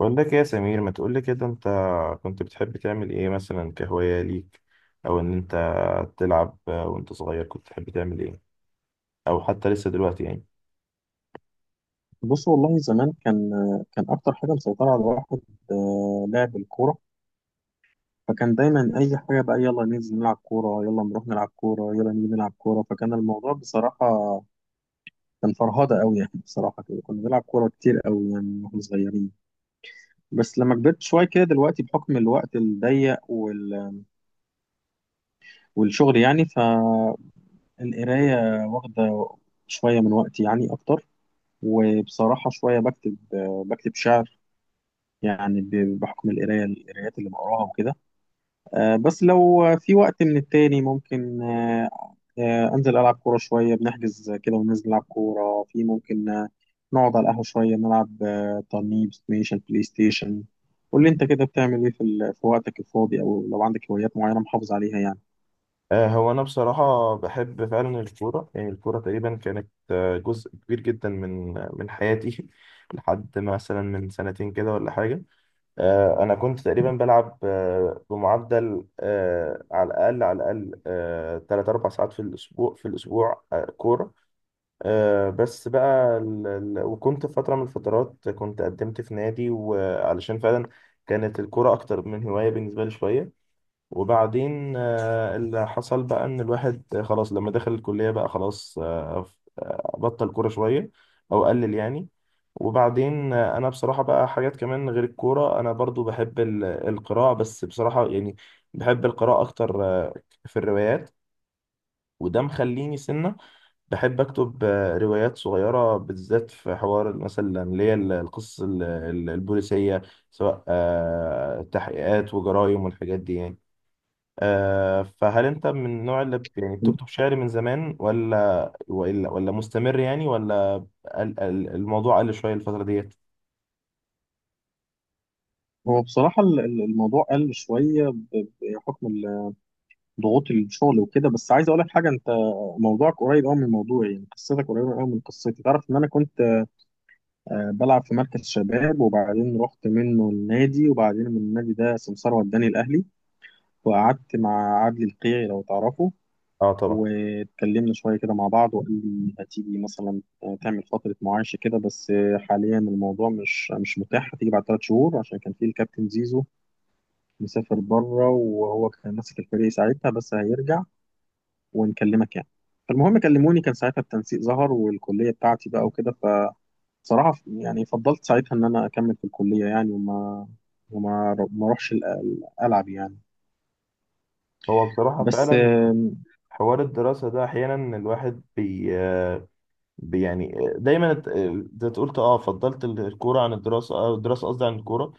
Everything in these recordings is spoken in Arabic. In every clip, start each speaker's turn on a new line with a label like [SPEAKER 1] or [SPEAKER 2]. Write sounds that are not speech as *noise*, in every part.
[SPEAKER 1] بقول لك إيه يا سمير؟ ما تقول لي كده. انت كنت بتحب تعمل ايه مثلا كهواية ليك؟ او ان انت تلعب وانت صغير كنت بتحب تعمل ايه، او حتى لسه دلوقتي يعني؟
[SPEAKER 2] بص، والله زمان كان اكتر حاجه مسيطره على الواحد لعب الكوره. فكان دايما اي حاجه بقى يلا ننزل نلعب كوره يلا نروح نلعب كوره يلا نيجي نلعب كوره، فكان الموضوع بصراحه كان فرهده قوي يعني. *laughs* بصراحه كده كنا بنلعب كوره كتير قوي يعني واحنا صغيرين. بس لما كبرت شويه كده دلوقتي بحكم الوقت الضيق والشغل يعني، فالقرايه واخده شويه من وقتي يعني اكتر، وبصراحه شويه بكتب شعر يعني بحكم القرايات اللي بقراها وكده. بس لو في وقت من التاني ممكن أنزل ألعب كورة شوية، بنحجز كده وننزل نلعب كورة في ممكن نقعد على القهوة شوية نلعب ترنيب ستيشن بلاي ستيشن. قول لي أنت كده بتعمل إيه في في وقتك الفاضي، أو لو عندك هوايات معينة محافظ عليها يعني.
[SPEAKER 1] هو انا بصراحة بحب فعلا الكورة. يعني الكورة تقريبا كانت جزء كبير جدا من حياتي *laughs* لحد مثلا من سنتين كده ولا حاجة. انا كنت تقريبا بلعب بمعدل على الاقل 3 4 ساعات في الاسبوع كورة. بس بقى وكنت في فترة من الفترات كنت قدمت في نادي، وعلشان فعلا كانت الكرة أكتر من هواية بالنسبة لي شوية. وبعدين اللي حصل بقى إن الواحد خلاص لما دخل الكلية بقى خلاص بطل كورة شوية، أو قلل يعني. وبعدين أنا بصراحة بقى حاجات كمان غير الكورة. أنا برضو بحب القراءة. بس بصراحة يعني بحب القراءة أكتر، في الروايات. وده مخليني سنة بحب أكتب روايات صغيرة، بالذات في حوار مثلا، اللي هي القصص البوليسية، سواء تحقيقات وجرايم والحاجات دي يعني. فهل أنت من النوع اللي يعني بتكتب شعر من زمان، ولا مستمر يعني، ولا الموضوع قل شوية الفترة ديت؟
[SPEAKER 2] هو بصراحة الموضوع قل شوية بحكم ضغوط الشغل وكده، بس عايز أقول لك حاجة. أنت موضوعك قريب أوي من موضوعي، يعني قصتك قريبة أوي من قصتي. تعرف إن أنا كنت بلعب في مركز شباب، وبعدين رحت منه النادي، وبعدين من النادي ده سمسار وداني الأهلي، وقعدت مع عادل القيعي لو تعرفه.
[SPEAKER 1] اه طبعا.
[SPEAKER 2] واتكلمنا شوية كده مع بعض وقال لي هتيجي مثلا تعمل فترة معايشة كده، بس حاليا الموضوع مش متاح، هتيجي بعد 3 شهور عشان كان في الكابتن زيزو مسافر بره وهو كان ماسك الفريق ساعتها بس هيرجع ونكلمك يعني. فالمهم كلموني كان ساعتها التنسيق ظهر والكلية بتاعتي بقى وكده، صراحة يعني فضلت ساعتها إن أنا أكمل في الكلية يعني، وما ما أروحش ألعب يعني.
[SPEAKER 1] هو بصراحة
[SPEAKER 2] بس
[SPEAKER 1] فعلا حوار الدراسة ده أحيانا الواحد يعني دايما أنت تقول فضلت الكورة عن الدراسة، الدراسة قصدي عن الكورة.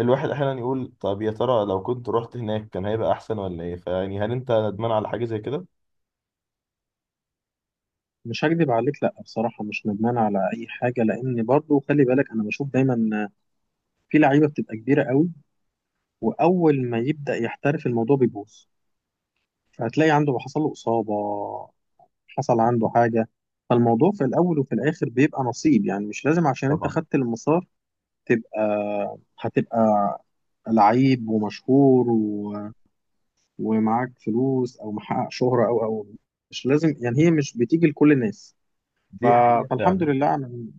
[SPEAKER 1] الواحد احيانا يقول طب يا ترى لو كنت رحت هناك كان هيبقى احسن ولا ايه؟ فيعني هل انت ندمان على حاجه زي كده؟
[SPEAKER 2] مش هكدب عليك، لا بصراحة مش ندمان على أي حاجة، لأن برضو خلي بالك أنا بشوف دايما في لعيبة بتبقى كبيرة قوي وأول ما يبدأ يحترف الموضوع بيبوظ، فهتلاقي عنده حصل له إصابة، حصل عنده حاجة. فالموضوع في الأول وفي الآخر بيبقى نصيب يعني، مش لازم عشان أنت
[SPEAKER 1] طبعا.
[SPEAKER 2] خدت المسار تبقى هتبقى لعيب ومشهور ومعاك فلوس او محقق شهرة او، مش لازم، يعني هي مش بتيجي لكل الناس. ف-
[SPEAKER 1] دي حقيقه
[SPEAKER 2] فالحمد
[SPEAKER 1] فعلا.
[SPEAKER 2] لله على،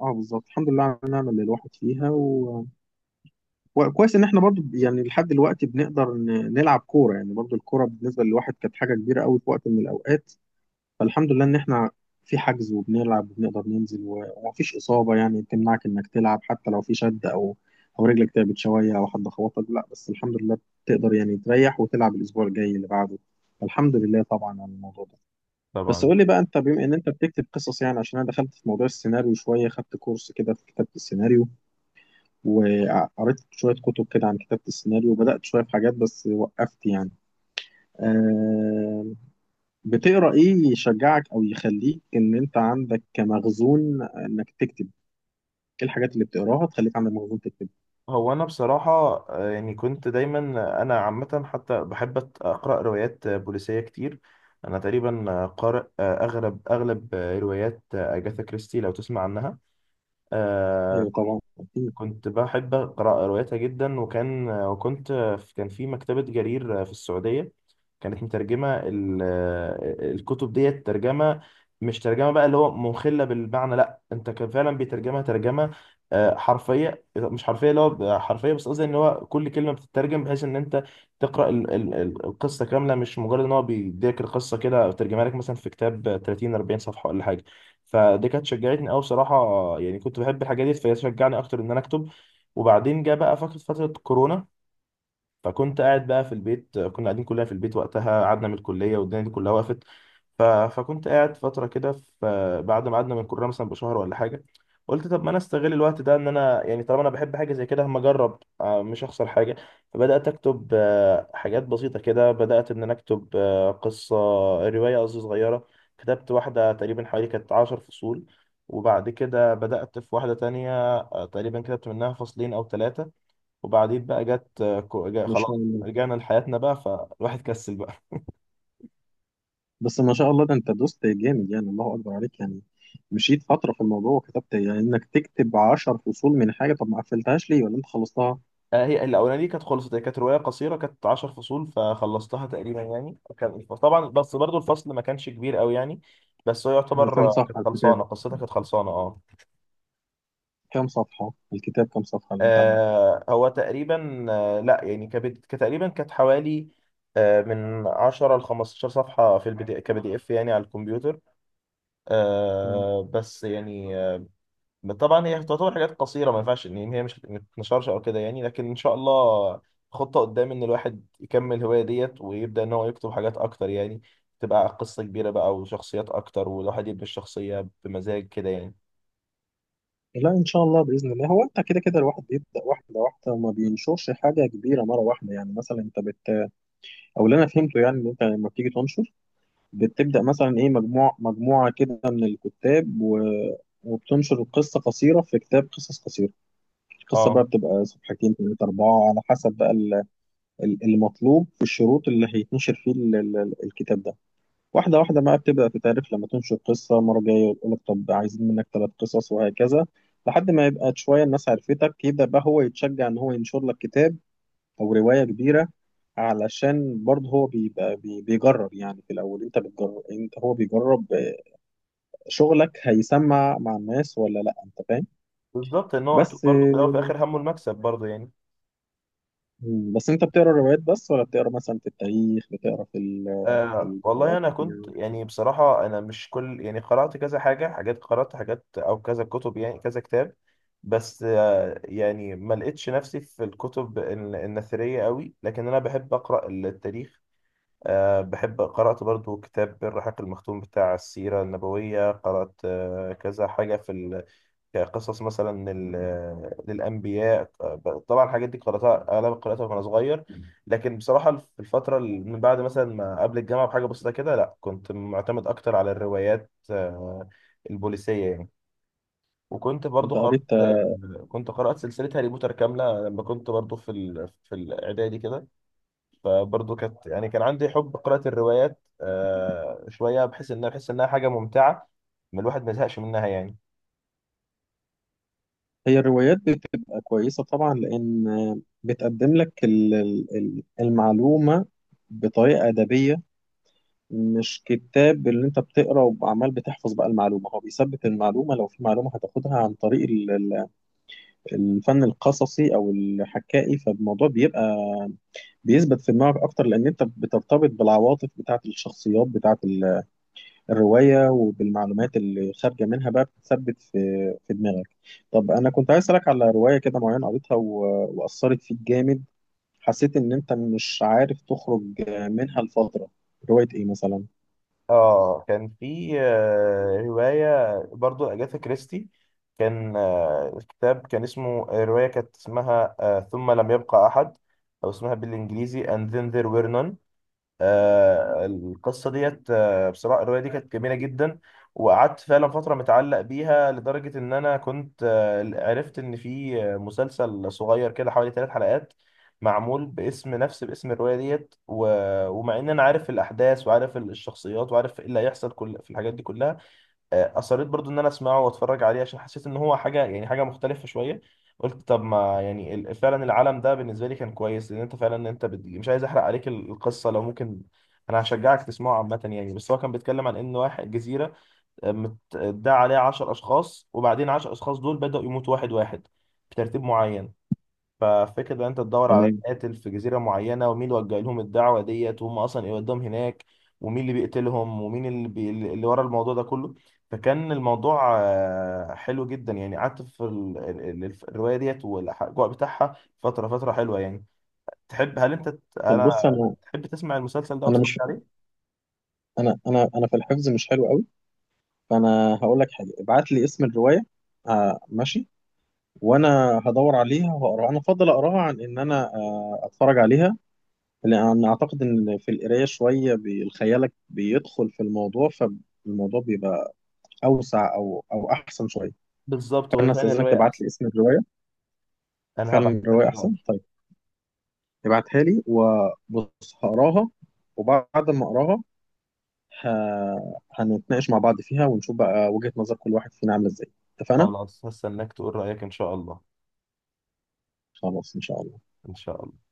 [SPEAKER 2] اه بالظبط، الحمد لله على النعمة اللي الواحد فيها وكويس ان احنا برضو يعني لحد دلوقتي بنقدر نلعب كورة، يعني برضو الكورة بالنسبة للواحد كانت حاجة كبيرة قوي في وقت من الاوقات. فالحمد لله ان احنا في حجز وبنلعب وبنقدر ننزل ومفيش اصابه يعني تمنعك انك تلعب، حتى لو في شد او رجلك تعبت شويه او حد خبطك، لا بس الحمد لله بتقدر يعني تريح وتلعب الاسبوع الجاي اللي بعده. الحمد لله طبعا على الموضوع ده. بس
[SPEAKER 1] طبعا.
[SPEAKER 2] قول لي بقى انت، بما ان انت بتكتب قصص، يعني عشان انا دخلت في موضوع السيناريو شويه، خدت كورس كده في كتابه السيناريو، وقريت شويه كتب كده عن كتابه السيناريو، وبدات شويه في حاجات بس وقفت يعني. آه، بتقرا ايه يشجعك او يخليك ان انت عندك كمخزون انك تكتب؟ ايه الحاجات اللي بتقراها تخليك عندك مخزون تكتب؟
[SPEAKER 1] هو انا بصراحه، يعني كنت دايما انا عامه حتى بحب اقرا روايات بوليسيه كتير. انا تقريبا قارئ اغلب روايات اجاثا كريستي، لو تسمع عنها.
[SPEAKER 2] ايوه
[SPEAKER 1] آه
[SPEAKER 2] طبعا اكيد.
[SPEAKER 1] كنت بحب أقرأ رواياتها جدا. وكان وكنت كان في مكتبة جرير في السعودية، كانت مترجمة الكتب ديت ترجمة. مش ترجمة بقى اللي هو مخلة بالمعنى، لا، انت كان فعلا بيترجمها ترجمة حرفية. مش حرفية اللي هو حرفية، بس قصدي ان هو كل كلمة بتترجم، بحيث ان انت تقرأ القصة كاملة. مش مجرد ان هو بيديك القصة كده، ترجمها لك مثلا في كتاب 30 40 صفحة ولا حاجة. فدي كانت شجعتني قوي بصراحه. يعني كنت بحب الحاجات دي، فهي شجعني اكتر ان انا اكتب. وبعدين جه بقى فكره فتره كورونا، فكنت قاعد بقى في البيت. كنا قاعدين كلنا في البيت وقتها، قعدنا من الكلية والدنيا دي كلها وقفت. فكنت قاعد فترة كده، بعد ما قعدنا من الكلية مثلا بشهر ولا حاجة قلت طب ما انا استغل الوقت ده، ان انا يعني طالما انا بحب حاجة زي كده، هما اجرب، مش هخسر حاجة. فبدأت اكتب حاجات بسيطة كده. بدأت ان انا اكتب قصة، رواية قصدي، صغيرة. كتبت واحدة تقريبا حوالي كانت 10 فصول، وبعد كده بدأت في واحدة تانية، تقريبا كتبت منها فصلين أو ثلاثة. وبعدين بقى جت آه، كو- جا-
[SPEAKER 2] ما شاء
[SPEAKER 1] خلاص
[SPEAKER 2] الله،
[SPEAKER 1] رجعنا لحياتنا بقى، فالواحد كسل بقى.
[SPEAKER 2] بس ما شاء الله ده انت دوست جامد يعني، الله اكبر عليك يعني، مشيت فتره في الموضوع وكتبت إيه؟ يعني انك تكتب 10 فصول من حاجه، طب ما قفلتهاش ليه ولا انت خلصتها؟
[SPEAKER 1] *laughs* هي الاولانيه دي كانت خلصت. هي كانت روايه قصيره، كانت 10 فصول، فخلصتها تقريبا يعني. كان طبعا بس برضو الفصل ما كانش كبير قوي يعني. بس هو
[SPEAKER 2] من
[SPEAKER 1] يعتبر كانت خلصانه، قصتها كانت خلصانه، اه.
[SPEAKER 2] كام صفحه اللي انت عملته؟
[SPEAKER 1] هو تقريبا لا يعني كانت تقريبا، كانت حوالي من 10 ل 15 صفحه في البي دي اف يعني، على الكمبيوتر،
[SPEAKER 2] مم.
[SPEAKER 1] بس يعني طبعا هي تعتبر حاجات قصيره، ما ينفعش ان هي مش ما تتنشرش او كده يعني. لكن ان شاء الله خطه قدام ان الواحد يكمل الهوايه ديت، ويبدا ان هو يكتب حاجات اكتر يعني، تبقى قصه كبيره بقى وشخصيات اكتر، والواحد يبني الشخصيه بمزاج كده يعني.
[SPEAKER 2] لا ان شاء الله باذن الله، هو انت كده كده الواحد بيبدا واحده واحده وما بينشرش حاجه كبيره مره واحده، يعني مثلا انت او اللي انا فهمته يعني ان انت لما بتيجي تنشر بتبدا مثلا ايه، مجموعه مجموعه كده من الكتاب وبتنشر قصه قصيره في كتاب قصص قصيره، القصه بقى
[SPEAKER 1] اه
[SPEAKER 2] بتبقى صفحتين ثلاثه اربعه على حسب بقى المطلوب والشروط اللي هيتنشر فيه الكتاب ده. واحده واحده بقى بتبدا تتعرف، لما تنشر قصه مره جايه يقول لك طب عايزين منك 3 قصص، وهكذا، لحد ما يبقى شويه الناس عرفتك يبدا بقى هو يتشجع ان هو ينشر لك كتاب او روايه كبيره، علشان برضه هو بيبقى بيجرب يعني في الاول، انت بتجرب، هو بيجرب شغلك هيسمع مع الناس ولا لا، انت فاهم.
[SPEAKER 1] بالظبط، ان هو اكيد
[SPEAKER 2] بس
[SPEAKER 1] برضه في الاول وفي
[SPEAKER 2] آه،
[SPEAKER 1] الاخر همه المكسب برضه يعني.
[SPEAKER 2] بس انت بتقرا روايات بس ولا بتقرا مثلا في التاريخ، بتقرا في في
[SPEAKER 1] أه والله انا كنت
[SPEAKER 2] الجغرافيا؟
[SPEAKER 1] يعني بصراحه، انا مش كل يعني، قرات كذا حاجه، حاجات قرات حاجات او كذا كتب يعني كذا كتاب. بس أه يعني ما لقيتش نفسي في الكتب النثريه قوي، لكن انا بحب اقرا التاريخ. أه بحب. قرات برضو كتاب الرحاق المختوم بتاع السيره النبويه، قرات أه كذا حاجه، في كقصص مثلا للأنبياء. طبعا الحاجات دي قرأتها، أغلب قرأتها وأنا صغير. لكن بصراحة في الفترة اللي من بعد مثلا، ما قبل الجامعة بحاجة بسيطة كده، لا، كنت معتمد أكتر على الروايات البوليسية يعني. وكنت برضو
[SPEAKER 2] انت
[SPEAKER 1] قرأت
[SPEAKER 2] قريت،
[SPEAKER 1] آه، كنت قرأت سلسلة هاري بوتر كاملة لما كنت برضو في في الإعدادي كده. فبرضو كانت يعني كان عندي حب قراءة الروايات شوية، بحيث إنها بحس إنها حاجة ممتعة، ما الواحد ما يزهقش منها يعني.
[SPEAKER 2] هي الروايات بتبقى كويسه طبعا لان بتقدم لك المعلومه بطريقه ادبيه، مش كتاب اللي انت بتقرا وعمال بتحفظ بقى المعلومه، هو بيثبت المعلومه لو في معلومه هتاخدها عن طريق الفن القصصي او الحكائي، فالموضوع بيثبت في دماغك اكتر، لان انت بترتبط بالعواطف بتاعه الشخصيات بتاعه الروايه، وبالمعلومات اللي خارجه منها بقى بتثبت في دماغك. طب انا كنت عايز اسالك على روايه كده معينه قريتها واثرت فيك جامد، حسيت ان انت مش عارف تخرج منها لفتره، روايه ايه مثلا؟
[SPEAKER 1] اه كان في رواية برضو أجاثا كريستي. كان الكتاب كان اسمه، رواية كانت اسمها "ثم لم يبقى أحد"، أو اسمها بالإنجليزي "And Then There Were None". القصة ديت بصراحة الرواية دي كانت جميلة جدا، وقعدت فعلا فترة متعلق بيها، لدرجة إن أنا كنت عرفت إن في مسلسل صغير كده حوالي ثلاث حلقات، معمول باسم الرواية ديت. ومع إن أنا عارف الأحداث وعارف الشخصيات وعارف إيه اللي هيحصل كل في الحاجات دي كلها، اصريت برضو ان انا اسمعه واتفرج عليه، عشان حسيت ان هو حاجه يعني حاجه مختلفه شويه. قلت طب ما يعني فعلا العالم ده بالنسبه لي كان كويس، لان انت فعلا مش عايز احرق عليك القصه لو ممكن. انا هشجعك تسمعه عامه يعني. بس هو كان بيتكلم عن ان واحد جزيره متداعى عليها 10 اشخاص، وبعدين 10 اشخاص دول بداوا يموتوا واحد واحد بترتيب معين. ففكرة ان انت تدور على
[SPEAKER 2] تمام،
[SPEAKER 1] قاتل في جزيرة معينة، ومين اللي وجه لهم الدعوة ديت، وهم اصلا ايه قدام هناك، ومين اللي بيقتلهم، ومين اللي ورا الموضوع ده كله. فكان الموضوع حلو جدا يعني، قعدت في الرواية ديت والاجواء بتاعها فترة، فترة حلوة يعني. تحب، هل انت ت-
[SPEAKER 2] طب بص،
[SPEAKER 1] انا
[SPEAKER 2] انا
[SPEAKER 1] تحب تسمع المسلسل ده
[SPEAKER 2] انا
[SPEAKER 1] وتتفرج
[SPEAKER 2] مش
[SPEAKER 1] عليه؟
[SPEAKER 2] انا في الحفظ مش حلو قوي، فانا هقول لك حاجه، ابعت لي اسم الروايه. آه ماشي، وانا هدور عليها وهقراها، انا افضل اقراها عن ان انا اتفرج عليها، لان اعتقد ان في القرايه شويه خيالك بيدخل في الموضوع فالموضوع بيبقى اوسع او احسن شويه.
[SPEAKER 1] بالظبط، وهي
[SPEAKER 2] فانا
[SPEAKER 1] فعلا
[SPEAKER 2] استاذنك
[SPEAKER 1] الرواية
[SPEAKER 2] تبعت
[SPEAKER 1] احسن.
[SPEAKER 2] لي اسم الروايه،
[SPEAKER 1] انا
[SPEAKER 2] فعلا
[SPEAKER 1] هبعتها لك
[SPEAKER 2] الروايه احسن،
[SPEAKER 1] دلوقتي.
[SPEAKER 2] طيب ابعتها لي وبص هقراها، وبعد ما اقراها هنتناقش مع بعض فيها ونشوف بقى وجهة نظر كل واحد فينا عاملة ازاي. اتفقنا؟
[SPEAKER 1] خلاص هستناك تقول رأيك ان شاء الله.
[SPEAKER 2] خلاص إن شاء الله.
[SPEAKER 1] ان شاء الله.